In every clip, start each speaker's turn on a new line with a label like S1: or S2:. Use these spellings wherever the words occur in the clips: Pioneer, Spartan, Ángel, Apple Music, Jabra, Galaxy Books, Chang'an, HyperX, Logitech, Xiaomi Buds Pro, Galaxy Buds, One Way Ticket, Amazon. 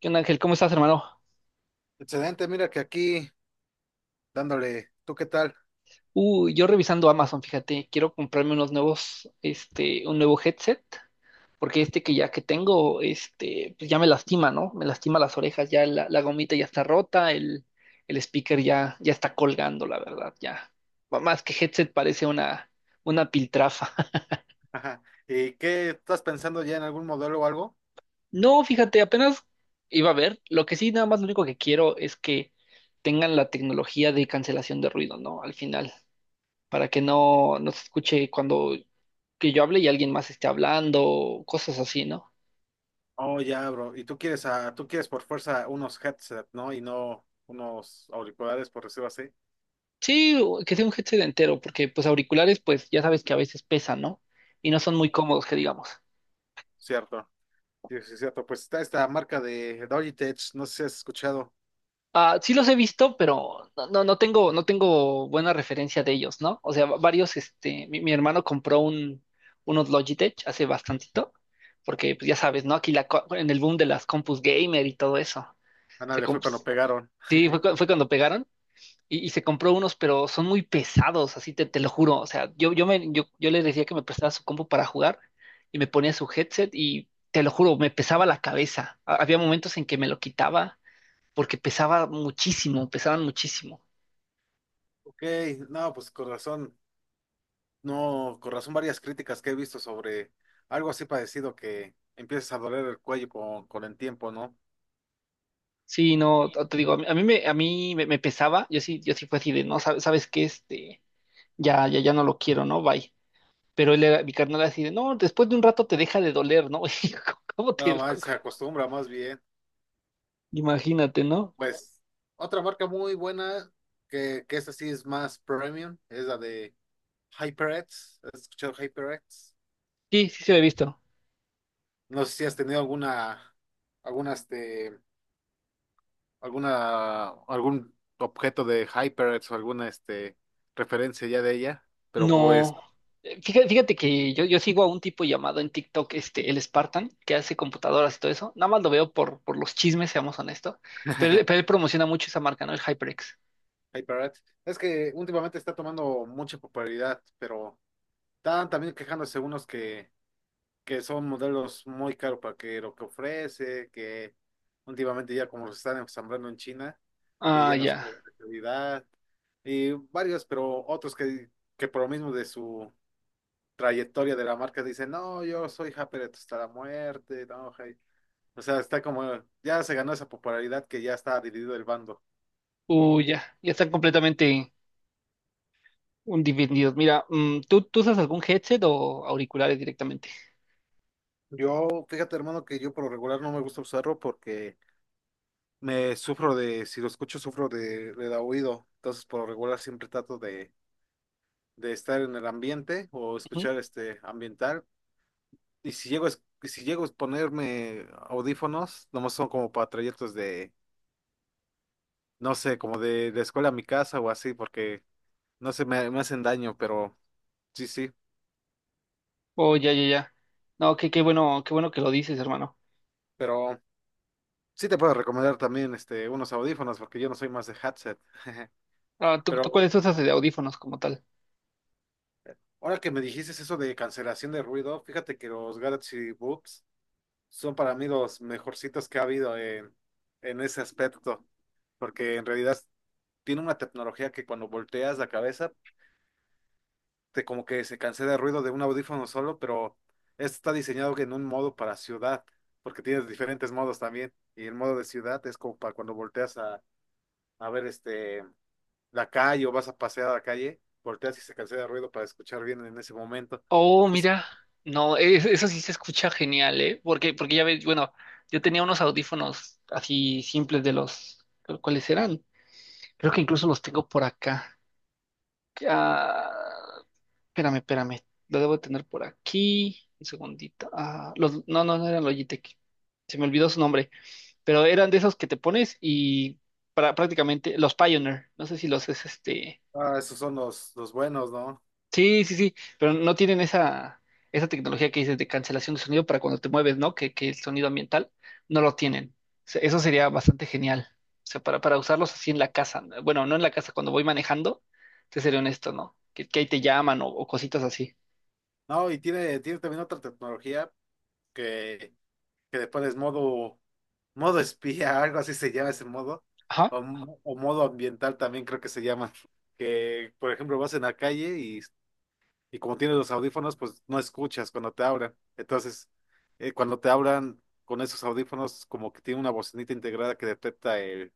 S1: ¿Qué onda, Ángel? ¿Cómo estás, hermano?
S2: Excelente, mira que aquí dándole, ¿tú qué tal?
S1: Uy, yo revisando Amazon, fíjate, quiero comprarme unos nuevos, un nuevo headset, porque este que ya que tengo, pues ya me lastima, ¿no? Me lastima las orejas, ya la gomita ya está rota, el speaker ya está colgando, la verdad, ya. Más que headset parece una piltrafa.
S2: Ajá. ¿Y qué estás pensando ya en algún modelo o algo?
S1: No, fíjate, apenas iba a ver. Lo que sí, nada más lo único que quiero es que tengan la tecnología de cancelación de ruido, ¿no? Al final, para que no se escuche cuando que yo hable y alguien más esté hablando, cosas así, ¿no?
S2: Oh, ya, bro. Tú quieres por fuerza unos headset, ¿no? Y no unos auriculares, por decirlo así.
S1: Sí, o que sea un headset entero, porque pues auriculares, pues ya sabes que a veces pesan, ¿no? Y no son muy cómodos, que digamos.
S2: Cierto. Sí, cierto. Pues está esta marca de Logitech, no sé si has escuchado.
S1: Ah, sí los he visto, pero no tengo, no tengo buena referencia de ellos, ¿no? O sea, varios, mi hermano compró un, unos Logitech hace bastantito, porque pues ya sabes, ¿no? Aquí en el boom de las compus gamer y todo eso. Se
S2: Ándale, fue
S1: comp-
S2: cuando pegaron.
S1: sí, fue cuando pegaron. Y, y se compró unos, pero son muy pesados, así te lo juro. O sea, yo le decía que me prestara su compu para jugar y me ponía su headset y te lo juro, me pesaba la cabeza. Había momentos en que me lo quitaba porque pesaba muchísimo, pesaban muchísimo.
S2: Ok, no, pues con razón, no, con razón varias críticas que he visto sobre algo así parecido que empiezas a doler el cuello con el tiempo, ¿no?
S1: Sí, no, te digo, a mí me, me pesaba, yo sí fue así de, no, sabes, sabes qué, ya no lo quiero, ¿no? Bye. Pero él era, mi carnal era así de, no, después de un rato te deja de doler, ¿no? Y yo, ¿Cómo
S2: No,
S1: te, cómo-
S2: más se acostumbra más bien.
S1: imagínate, ¿no?
S2: Pues otra marca muy buena, que esa sí es más premium, es la de HyperX. ¿Has escuchado HyperX?
S1: Sí, sí se había visto.
S2: No sé si has tenido alguna, alguna, este, alguna, ¿algún objeto de HyperX o alguna, referencia ya de ella? Pero pues
S1: No, fíjate que yo sigo a un tipo llamado en TikTok, este, el Spartan, que hace computadoras y todo eso. Nada más lo veo por los chismes, seamos honestos. Pero él promociona mucho esa marca, ¿no? El HyperX.
S2: HyperX. Es que últimamente está tomando mucha popularidad, pero están también quejándose unos que son modelos muy caros para que lo que ofrece, que últimamente ya como los están ensamblando en China, que
S1: Ah,
S2: ya no son
S1: ya.
S2: de buena calidad, y varios, pero otros que por lo mismo de su trayectoria de la marca dicen, no, yo soy Japeret hasta la muerte, no, hey". O sea, está como, ya se ganó esa popularidad que ya está dividido el bando.
S1: Uy, ya. Ya están completamente divididos. Mira, ¿tú usas algún headset o auriculares directamente?
S2: Yo, fíjate hermano, que yo por lo regular no me gusta usarlo porque me sufro de, si lo escucho, sufro de oído. Entonces, por lo regular siempre trato de estar en el ambiente o
S1: Ujú.
S2: escuchar este ambiental. Y si llego y si llego a ponerme audífonos, nomás son como para trayectos de, no sé, como de escuela a mi casa o así, porque no sé, me hacen daño, pero sí, sí.
S1: Oh, ya, ya, ya. No, qué bueno que lo dices, hermano.
S2: Pero sí te puedo recomendar también este, unos audífonos, porque yo no soy más de headset.
S1: Ah, ¿tú
S2: Pero
S1: cuáles usas de audífonos como tal?
S2: ahora que me dijiste eso de cancelación de ruido, fíjate que los Galaxy Books son para mí los mejorcitos que ha habido en ese aspecto, porque en realidad tiene una tecnología que cuando volteas la cabeza, te como que se cancela el ruido de un audífono solo, pero este está diseñado en un modo para ciudad, porque tienes diferentes modos también, y el modo de ciudad es como para cuando volteas a ver este, la calle o vas a pasear a la calle, volteas y se cancela el ruido para escuchar bien en ese momento.
S1: Oh,
S2: Entonces,
S1: mira, no, es- eso sí se escucha genial, ¿eh? Porque ya ves, bueno, yo tenía unos audífonos así simples de los, ¿cuáles eran? Creo que incluso los tengo por acá. Ah, espérame, lo debo tener por aquí, un segundito. Ah, los, no, no, no eran Logitech, se me olvidó su nombre, pero eran de esos que te pones y para, prácticamente los Pioneer, no sé si los es este.
S2: ah, esos son los buenos, ¿no?
S1: Sí, pero no tienen esa, esa tecnología que dices de cancelación de sonido para cuando te mueves, ¿no? Que el sonido ambiental no lo tienen. O sea, eso sería bastante genial. O sea, para usarlos así en la casa. Bueno, no en la casa, cuando voy manejando, te seré honesto, ¿no? Que ahí te llaman o cositas así.
S2: No, y tiene, tiene también otra tecnología que que le pones modo, modo espía, algo así se llama ese modo,
S1: Ajá.
S2: o modo ambiental también creo que se llama, que por ejemplo vas en la calle y como tienes los audífonos, pues no escuchas cuando te hablan. Entonces, cuando te hablan con esos audífonos, como que tiene una bocinita integrada que detecta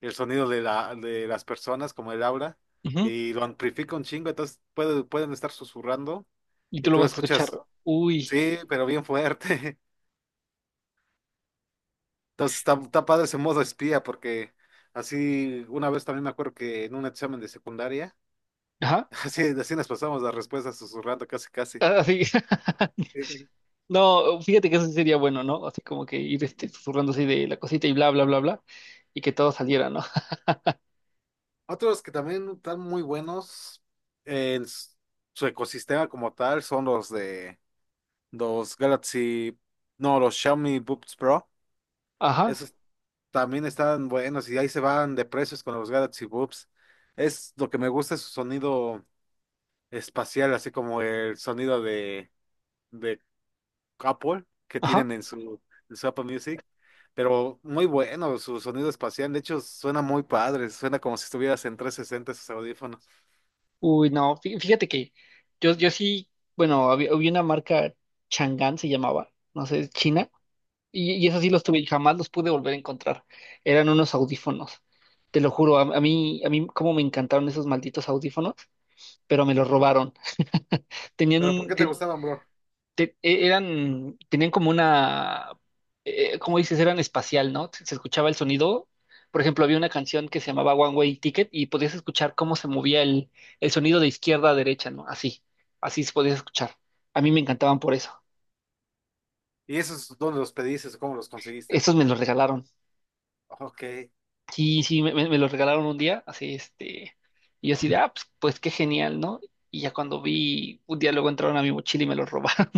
S2: el sonido de las personas, como el aura,
S1: Ujú.
S2: y lo amplifica un chingo, entonces pueden estar susurrando
S1: Y
S2: y
S1: tú lo
S2: tú lo
S1: vas a escuchar.
S2: escuchas,
S1: Uy.
S2: sí, pero bien fuerte. Entonces está, está padre ese modo espía porque así una vez también me acuerdo que en un examen de secundaria,
S1: Ajá.
S2: así, así nos pasamos las respuestas susurrando casi casi.
S1: Ah, así.
S2: Eh,
S1: No, fíjate que eso sí sería bueno, ¿no? Así como que ir este, susurrando así de la cosita y bla, bla, bla, bla. Y que todo saliera, ¿no?
S2: Otros que también están muy buenos en su ecosistema como tal son los de los Galaxy, no, los Xiaomi Buds Pro.
S1: Ajá.
S2: Esos también están buenos y ahí se van de precios con los Galaxy Buds. Es lo que me gusta es su sonido espacial, así como el sonido de Apple que
S1: Ajá.
S2: tienen en su Apple Music, pero muy bueno su sonido espacial, de hecho suena muy padre, suena como si estuvieras en 360 esos audífonos.
S1: Uy, no, fíjate que yo sí, bueno, había una marca Chang'an se llamaba, no sé, es China, y esos sí los tuve y jamás los pude volver a encontrar. Eran unos audífonos, te lo juro, a mí cómo me encantaron esos malditos audífonos, pero me los robaron. Tenían
S2: ¿Pero por
S1: un,
S2: qué te gustaban, bro?
S1: eran, tenían como una, ¿cómo dices? Eran espacial, ¿no? Se escuchaba el sonido. Por ejemplo, había una canción que se llamaba One Way Ticket y podías escuchar cómo se movía el sonido de izquierda a derecha, ¿no? Así, así se podía escuchar. A mí me encantaban por eso.
S2: ¿Y esos dónde los pediste o cómo los conseguiste?
S1: Estos me los regalaron.
S2: Ok.
S1: Sí, sí, me los regalaron un día, así, y yo así de, ah, pues, pues qué genial, ¿no? Y ya cuando vi, un día luego entraron a mi mochila y me los robaron.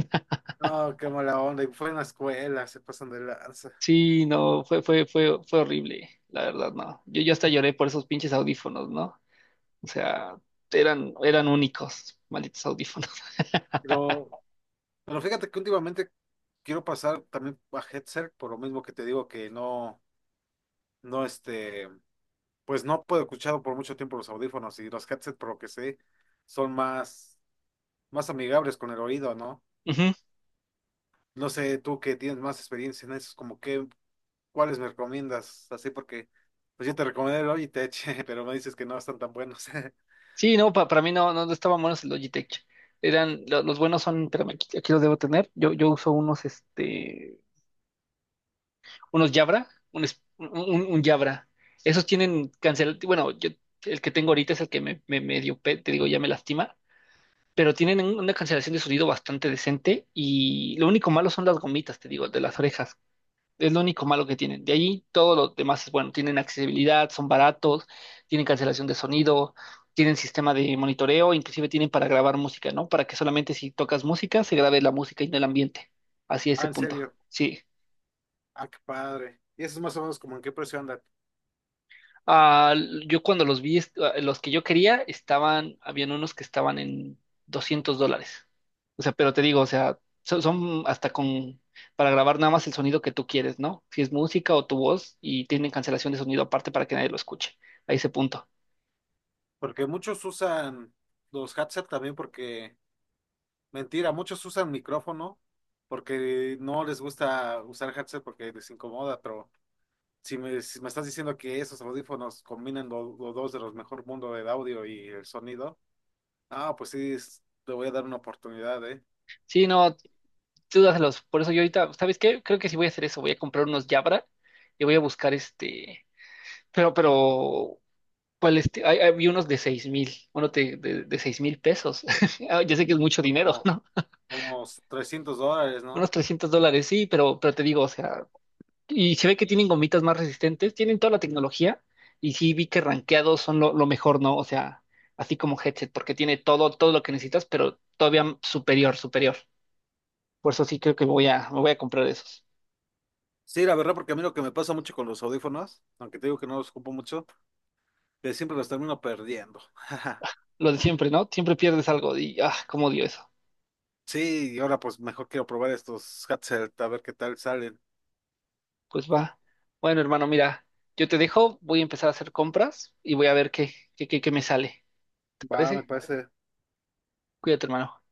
S2: No, qué mala onda, y fue en la escuela, se pasan de lanza.
S1: Sí, no, fue horrible, la verdad, no. Yo hasta lloré por esos pinches audífonos, ¿no? O sea, eran, eran únicos, malditos audífonos.
S2: Pero, pero fíjate que últimamente quiero pasar también a headset, por lo mismo que te digo que no, no este, pues no puedo escuchar por mucho tiempo los audífonos y los headset, por lo que sé, son más más amigables con el oído, ¿no?
S1: Ujú.
S2: No sé, tú que tienes más experiencia en eso, como que, ¿cuáles me recomiendas? Así porque, pues yo te recomendé el Logitech, pero me dices que no están tan buenos.
S1: Sí, para mí no estaban buenos el Logitech. Eran, los buenos son, espérame, aquí, aquí los debo tener. Yo uso unos, unos Jabra, un Jabra. Esos tienen bueno, yo, el que tengo ahorita es el que me medio, te digo, ya me lastima pero tienen una cancelación de sonido bastante decente y lo único malo son las gomitas, te digo, de las orejas. Es lo único malo que tienen. De ahí todo lo demás es bueno. Tienen accesibilidad, son baratos, tienen cancelación de sonido, tienen sistema de monitoreo, inclusive tienen para grabar música, ¿no? Para que solamente si tocas música se grabe la música y no el ambiente. Así
S2: Ah,
S1: ese
S2: en
S1: punto.
S2: serio.
S1: Sí.
S2: Ah, qué padre. ¿Y eso es más o menos como en qué precio andan?
S1: Ah, yo cuando los vi, los que yo quería, estaban, habían unos que estaban en $200. O sea, pero te digo, o sea, son, hasta con, para grabar nada más el sonido que tú quieres, ¿no? Si es música o tu voz y tienen cancelación de sonido aparte para que nadie lo escuche. A ese punto.
S2: Porque muchos usan los headset también porque, mentira, muchos usan micrófono porque no les gusta usar headset porque les incomoda, pero si me estás diciendo que esos audífonos combinan los dos de los mejor mundo del audio y el sonido. Ah, pues sí, le voy a dar una oportunidad, ¿eh?
S1: Sí, no, tú dáselos. Por eso yo ahorita, ¿sabes qué? Creo que sí voy a hacer eso. Voy a comprar unos Jabra y voy a buscar pero, ¿cuál este? Vi unos de 6000, uno de 6000 pesos. Ah, ya sé que es mucho
S2: Son
S1: dinero,
S2: como,
S1: ¿no?
S2: como $300, ¿no?
S1: Unos $300, sí, pero te digo, o sea, y se ve que tienen gomitas más resistentes, tienen toda la tecnología, y sí vi que rankeados son lo mejor, ¿no? O sea, así como headset, porque tiene todo, todo lo que necesitas, pero todavía superior, superior. Por eso sí creo que me voy a comprar esos.
S2: Sí, la verdad, porque a mí lo que me pasa mucho con los audífonos, aunque te digo que no los ocupo mucho, que siempre los termino perdiendo.
S1: Lo de siempre, ¿no? Siempre pierdes algo y, ah, cómo odio eso.
S2: Sí, y ahora pues mejor quiero probar estos headset, a ver qué tal salen.
S1: Pues va. Bueno, hermano, mira, yo te dejo, voy a empezar a hacer compras y voy a ver qué me sale. ¿Te
S2: Va, me
S1: parece?
S2: parece.
S1: Cuídate, hermano.